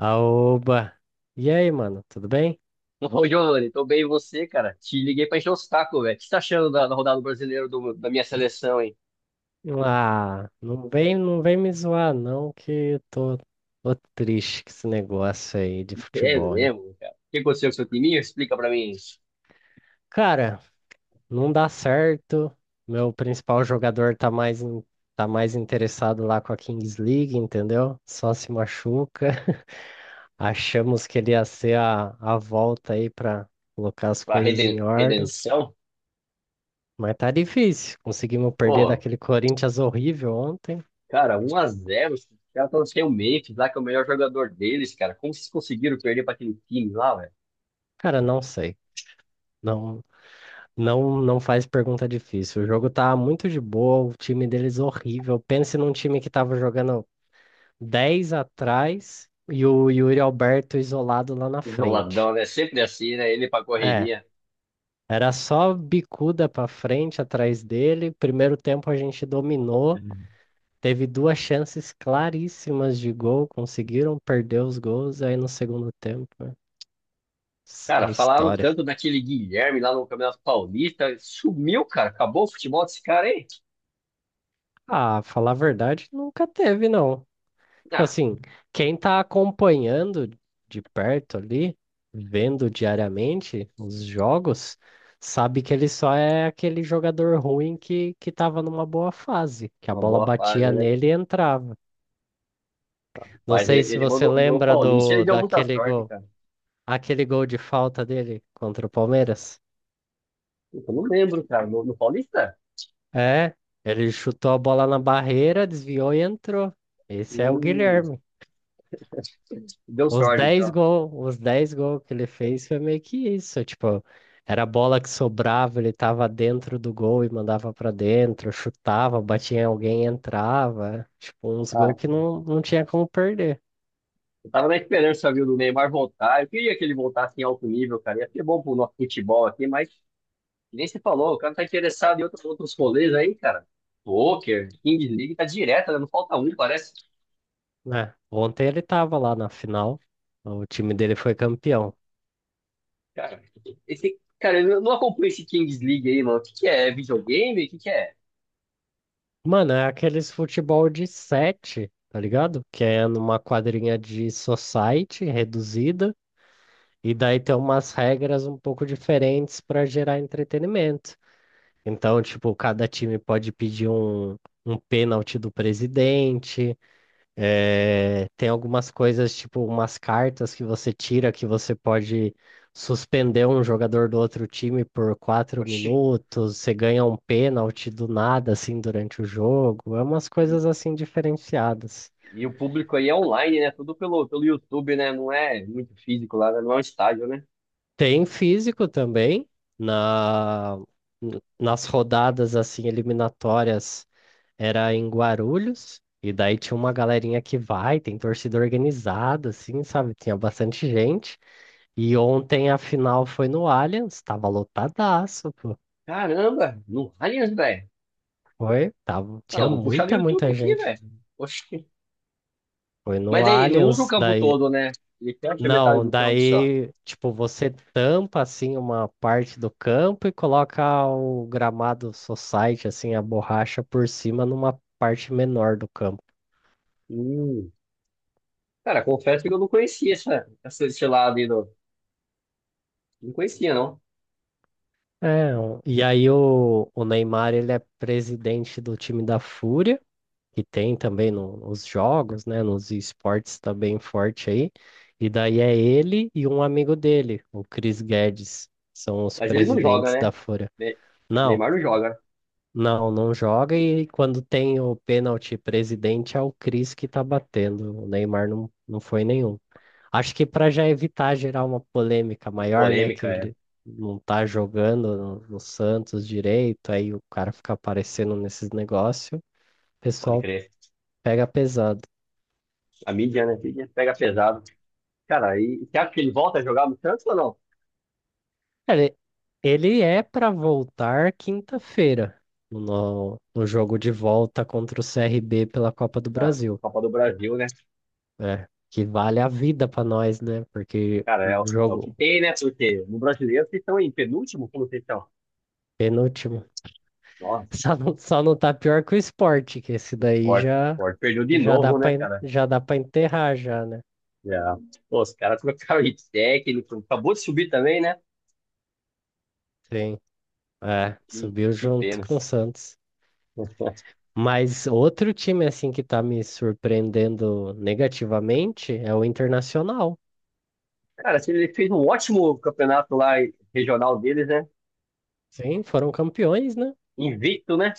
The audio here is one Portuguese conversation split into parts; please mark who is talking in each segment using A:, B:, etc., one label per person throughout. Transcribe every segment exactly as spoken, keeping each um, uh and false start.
A: Aoba! E aí, mano, tudo bem?
B: Ô, Giovanni, tô bem e você, cara? Te liguei pra encher o saco, velho. O que você tá achando da, da rodada brasileira do- da minha seleção, hein?
A: Ah, não vem, não vem me zoar, não, que eu tô, tô triste com esse negócio aí de
B: É
A: futebol, hein?
B: mesmo, cara. O que aconteceu com o seu time? Explica pra mim.
A: Cara, não dá certo. Meu principal jogador tá mais, in- tá mais interessado lá com a Kings League, entendeu? Só se machuca. Achamos que ele ia ser a, a volta aí pra colocar as
B: Pra
A: coisas
B: reden-
A: em ordem,
B: redenção?
A: mas tá difícil. Conseguimos perder
B: Pô,
A: daquele Corinthians horrível ontem.
B: cara, um a zero. Os caras estão sem o Memphis lá, que é o melhor jogador deles, cara. Como vocês conseguiram perder pra aquele time lá, velho?
A: Cara, não sei. Não, não, não faz pergunta difícil. O jogo tá muito de boa, o time deles é horrível. Pense num time que tava jogando dez atrás e o Yuri Alberto isolado lá na
B: Não,
A: frente.
B: Ladrão, né? Sempre assim, né? Ele pra
A: É,
B: correria.
A: era só bicuda pra frente atrás dele. Primeiro tempo a gente dominou, teve duas chances claríssimas de gol, conseguiram perder os gols, aí no segundo tempo, né, essa
B: Cara,
A: é a
B: falaram
A: história.
B: tanto daquele Guilherme lá no Campeonato Paulista. Sumiu, cara. Acabou o futebol desse cara, hein?
A: Ah, falar a verdade, nunca teve, não. Tipo
B: Ah,
A: assim, quem tá acompanhando de perto ali, vendo diariamente os jogos, sabe que ele só é aquele jogador ruim que, que tava numa boa fase, que a
B: uma
A: bola
B: boa fase,
A: batia
B: né?
A: nele e entrava. Não
B: Mas
A: sei
B: ele,
A: se
B: ele
A: você
B: mandou no
A: lembra
B: Paulista, ele
A: do
B: deu muita
A: daquele
B: sorte,
A: gol,
B: cara.
A: aquele gol de falta dele contra o Palmeiras.
B: Puta, eu não lembro, cara. No, no Paulista?
A: É, ele chutou a bola na barreira, desviou e entrou. Esse é o
B: Hum,
A: Guilherme.
B: deu
A: Os
B: sorte,
A: dez
B: então.
A: gols, os dez gols que ele fez foi meio que isso, tipo, era a bola que sobrava, ele tava dentro do gol e mandava pra dentro, chutava, batia em alguém e entrava, tipo, uns
B: Ah,
A: gols que não, não tinha como perder,
B: eu tava na esperança, viu, do Neymar voltar. Eu queria que ele voltasse em alto nível, cara. Ia ser bom pro nosso futebol aqui, mas nem se falou. O cara tá interessado em outros, outros rolês aí, cara. Poker, Kings League, tá direto, né? Não falta um, parece.
A: né? Ontem ele tava lá na final, o time dele foi campeão.
B: Cara, esse, cara, eu não acompanho esse Kings League aí, mano. O que que é? É videogame? O que que é?
A: Mano, é aqueles futebol de sete, tá ligado? Que é numa quadrinha de society reduzida, e daí tem umas regras um pouco diferentes pra gerar entretenimento. Então, tipo, cada time pode pedir um, um pênalti do presidente. eh, tem algumas coisas, tipo, umas cartas que você tira que você pode suspender um jogador do outro time por quatro
B: Oxi.
A: minutos. Você ganha um pênalti do nada, assim, durante o jogo. É umas coisas, assim, diferenciadas.
B: E o público aí é online, né? Tudo pelo, pelo YouTube, né? Não é muito físico lá, né? Não é um estádio, né?
A: Tem físico também, na, nas rodadas, assim, eliminatórias. Era em Guarulhos, e daí tinha uma galerinha que vai, tem torcida organizada, assim, sabe? Tinha bastante gente. E ontem a final foi no Allianz, tava lotadaço, pô.
B: Caramba, no Allianz, velho.
A: Foi, tava,
B: Ah,
A: tinha
B: eu vou puxar no
A: muita,
B: YouTube
A: muita
B: aqui,
A: gente.
B: velho. Oxi.
A: Foi
B: Mas
A: no
B: daí, não usa o
A: Allianz,
B: campo
A: daí.
B: todo, né? Ele fecha metade
A: Não,
B: do campo só.
A: daí, tipo, você tampa, assim, uma parte do campo e coloca o gramado society, assim, a borracha por cima numa parte menor do campo.
B: Hum. Cara, confesso que eu não conhecia essa, essa, esse lado aí. do- Não conhecia, não.
A: É, o- e aí o, o Neymar, ele é presidente do time da Fúria, que tem também no- nos jogos, né, nos esportes tá bem forte aí. E daí é ele e um amigo dele, o Chris Guedes, são os
B: Mas ele não joga,
A: presidentes da
B: né?
A: Fúria.
B: Ne-
A: Não,
B: Neymar não joga.
A: não, não joga e quando tem o pênalti presidente é o Chris que tá batendo, o Neymar não, não foi nenhum. Acho que para já evitar gerar uma polêmica
B: Uma
A: maior, né? Que
B: polêmica, é.
A: ele não tá jogando no, no Santos direito, aí o cara fica aparecendo nesses negócios, o
B: Pode
A: pessoal
B: crer.
A: pega pesado.
B: A mídia, né? A mídia pega pesado. Cara, e você acha que ele volta a jogar no Santos ou não?
A: Ele, ele é para voltar quinta-feira no, no jogo de volta contra o C R B pela Copa do
B: Na
A: Brasil,
B: Copa do Brasil, né?
A: né? Que vale a vida para nós, né? Porque
B: Cara, é,
A: o
B: o é o que
A: jogo,
B: tem, né? Porque no brasileiro vocês estão em penúltimo, como vocês estão?
A: penúltimo.
B: Nossa,
A: Só não, só não tá pior que o esporte, que esse daí
B: Sport,
A: já,
B: Sport perdeu de
A: já dá
B: novo, né,
A: pra, en-
B: cara?
A: já dá pra enterrar já, né?
B: Já. Pô, os caras trocaram de técnico, acabou de subir também, né?
A: Sim. É,
B: Que,
A: subiu
B: que
A: junto
B: pena.
A: com o Santos. Mas outro time, assim, que tá me surpreendendo negativamente é o Internacional.
B: Cara, assim, ele fez um ótimo campeonato lá regional deles, né?
A: Sim, foram campeões, né?
B: Invicto, né?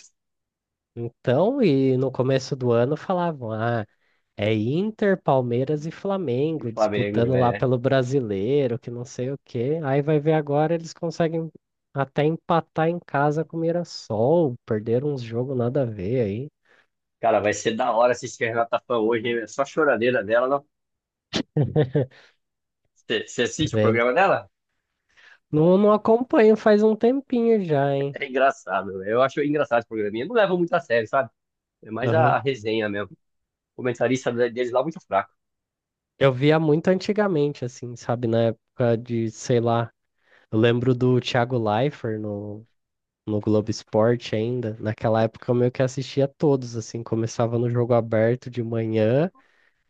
A: Então, e no começo do ano falavam, ah, é Inter, Palmeiras e
B: E
A: Flamengo
B: Flamengo,
A: disputando lá
B: é.
A: pelo brasileiro, que não sei o quê. Aí vai ver agora eles conseguem até empatar em casa com o Mirassol, perderam uns jogos nada a ver aí.
B: Cara, vai ser da hora assistir a Renata Fã hoje, hein? É só choradeira dela, não? Você assiste o
A: É.
B: programa dela?
A: Não, não acompanho faz um tempinho já, hein?
B: É engraçado, eu acho engraçado esse programinha. Não leva muito a sério, sabe? É mais a
A: Aham.
B: a resenha mesmo. Comentarista deles lá muito fraco.
A: Eu via muito antigamente, assim, sabe? Na época de, sei lá, eu lembro do Thiago Leifert no, no Globo Esporte ainda. Naquela época eu meio que assistia todos, assim, começava no jogo aberto de manhã.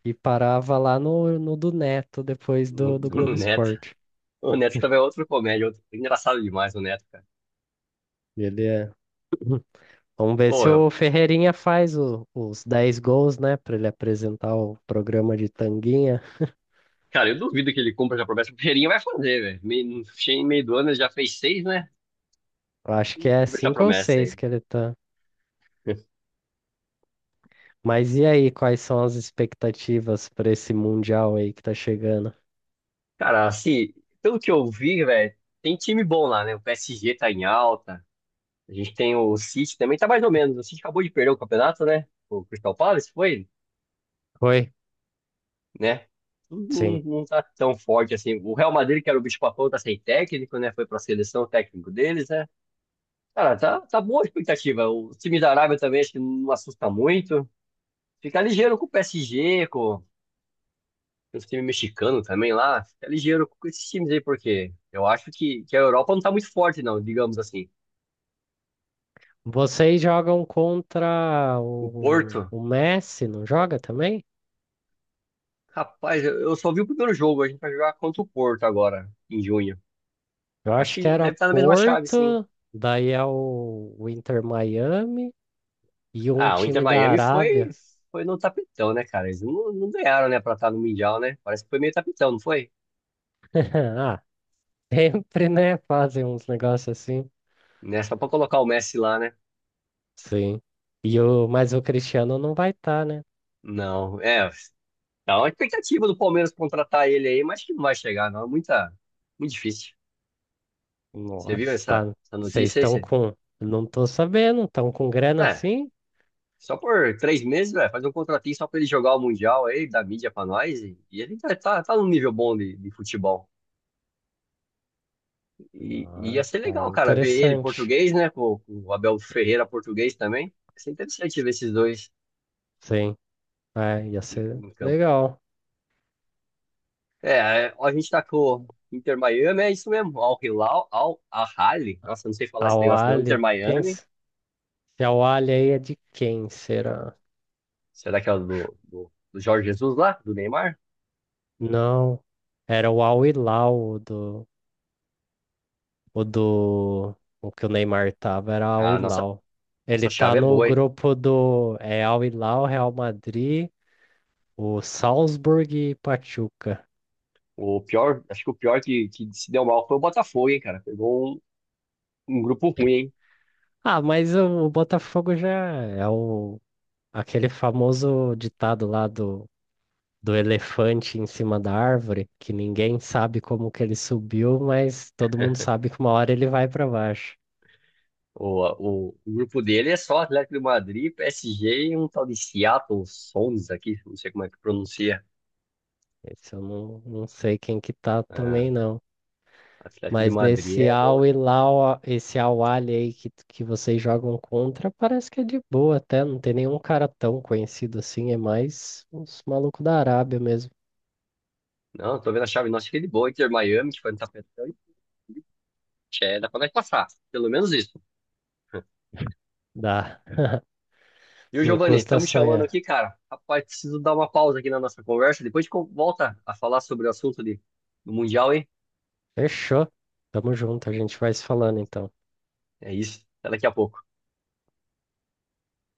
A: E parava lá no, no do Neto, depois
B: No,
A: do, do Globo
B: no Neto.
A: Esporte.
B: O Neto também é outro comédia, outro... engraçado demais o Neto, cara.
A: E ele é... Vamos ver
B: Ô,
A: se
B: eu...
A: o Ferreirinha faz o- os dez gols, né? Pra ele apresentar o programa de Tanguinha.
B: Cara, eu duvido que ele cumpra essa promessa. O Ferreirinha vai fazer, velho. Meio- No fim- Em meio do ano ele já fez seis, né?
A: Eu acho que é
B: Cumpre essa
A: cinco ou
B: promessa aí.
A: seis que ele tá. Mas e aí, quais são as expectativas para esse Mundial aí que tá chegando?
B: Cara, assim, pelo que eu vi, velho, tem time bom lá, né? O P S G tá em alta. A gente tem o City também, tá mais ou menos. O City acabou de perder o campeonato, né? O Crystal Palace, foi?
A: Oi?
B: Né? Não,
A: Sim.
B: não tá tão forte assim. O Real Madrid, que era o bicho-papão, tá sem técnico, né? Foi pra seleção o técnico deles, né? Cara, tá, tá boa a expectativa. O time da Arábia também acho que não assusta muito. Fica ligeiro com o P S G, com os times mexicanos também lá. Fica ligeiro com esses times aí, porque eu acho que, que a Europa não tá muito forte, não, digamos assim.
A: Vocês jogam contra
B: O
A: o,
B: Porto,
A: o Messi, não joga também?
B: rapaz, eu, eu só vi o primeiro jogo. A gente vai jogar contra o Porto agora, em junho.
A: Eu
B: Acho
A: acho que
B: que
A: era
B: deve estar na mesma chave, sim.
A: Porto, daí é o, o Inter Miami. E um
B: Ah, o Inter
A: time da
B: Miami foi,
A: Arábia.
B: foi no tapetão, né, cara? Eles não, não ganharam, né, pra estar no Mundial, né? Parece que foi meio tapetão, não foi?
A: Ah, sempre, né? Fazem uns negócios assim.
B: Né? Só pra colocar o Messi lá, né?
A: Sim. E o, mas o Cristiano não vai estar, né?
B: Não, é. Tá uma expectativa do Palmeiras contratar ele aí, mas que não vai chegar, não. É muita, muito difícil. Você viu
A: Nossa,
B: essa,
A: tá.
B: essa
A: Vocês
B: notícia aí?
A: estão
B: Você...
A: com. Não tô sabendo, estão com grana
B: É,
A: assim?
B: só por três meses, velho, fazer um contratinho só pra ele jogar o Mundial aí, da mídia pra nós, e, e ele tá, tá, tá num nível bom de, de futebol. E e ia
A: Ah,
B: ser
A: aí
B: legal,
A: é
B: cara, ver ele
A: interessante.
B: português, né? Com, com o Abel Ferreira português também. Ia ser interessante ver esses dois
A: Sim. É, ia
B: em,
A: ser
B: em campo.
A: legal.
B: É, é, ó, a gente tá com o Inter Miami, é isso mesmo. Al Hilal, Al Ahly. Nossa, não sei falar
A: A
B: esse negócio não. Inter
A: Wally, quem?
B: Miami.
A: S- Se a Wally aí é de quem será?
B: Será que é o do, do, do Jorge Jesus lá, do Neymar?
A: Não. Era o Al Hilal, o do. O do. O que o Neymar tava era Al
B: A nossa,
A: Hilal. Ele
B: nossa
A: tá
B: chave é
A: no
B: boa, hein?
A: grupo do. É Al Hilal, Real Madrid, o Salzburg e Pachuca.
B: O pior, acho que o pior que, que se deu mal foi o Botafogo, hein, cara. Pegou um, um grupo ruim, hein?
A: Ah, mas o, o Botafogo já é o. Aquele famoso ditado lá do, do elefante em cima da árvore, que ninguém sabe como que ele subiu, mas todo mundo sabe que uma hora ele vai para baixo.
B: O, o, o grupo dele é só Atlético de Madrid, P S G e um tal de Seattle Sounders aqui, não sei como é que pronuncia.
A: Esse eu não, não sei quem que tá
B: Ah,
A: também, não.
B: Atlético de
A: Mas
B: Madrid
A: nesse
B: é bom.
A: Au e Lau, esse Au Ali aí que, que vocês jogam contra, parece que é de boa até, não tem nenhum cara tão conhecido assim, é mais os malucos da Arábia mesmo.
B: Não, tô vendo a chave nossa fica de boa, Inter Miami, que foi no tapetão, e tchê, dá pra nós passar, pelo menos isso.
A: Dá.
B: E o
A: Não
B: Giovanni, estão
A: custa
B: me chamando
A: sonhar.
B: aqui, cara. Rapaz, preciso dar uma pausa aqui na nossa conversa, depois a gente co- volta a falar sobre o assunto de, do Mundial, hein?
A: Fechou. Tamo junto, a gente vai se falando então.
B: É isso, até daqui a pouco.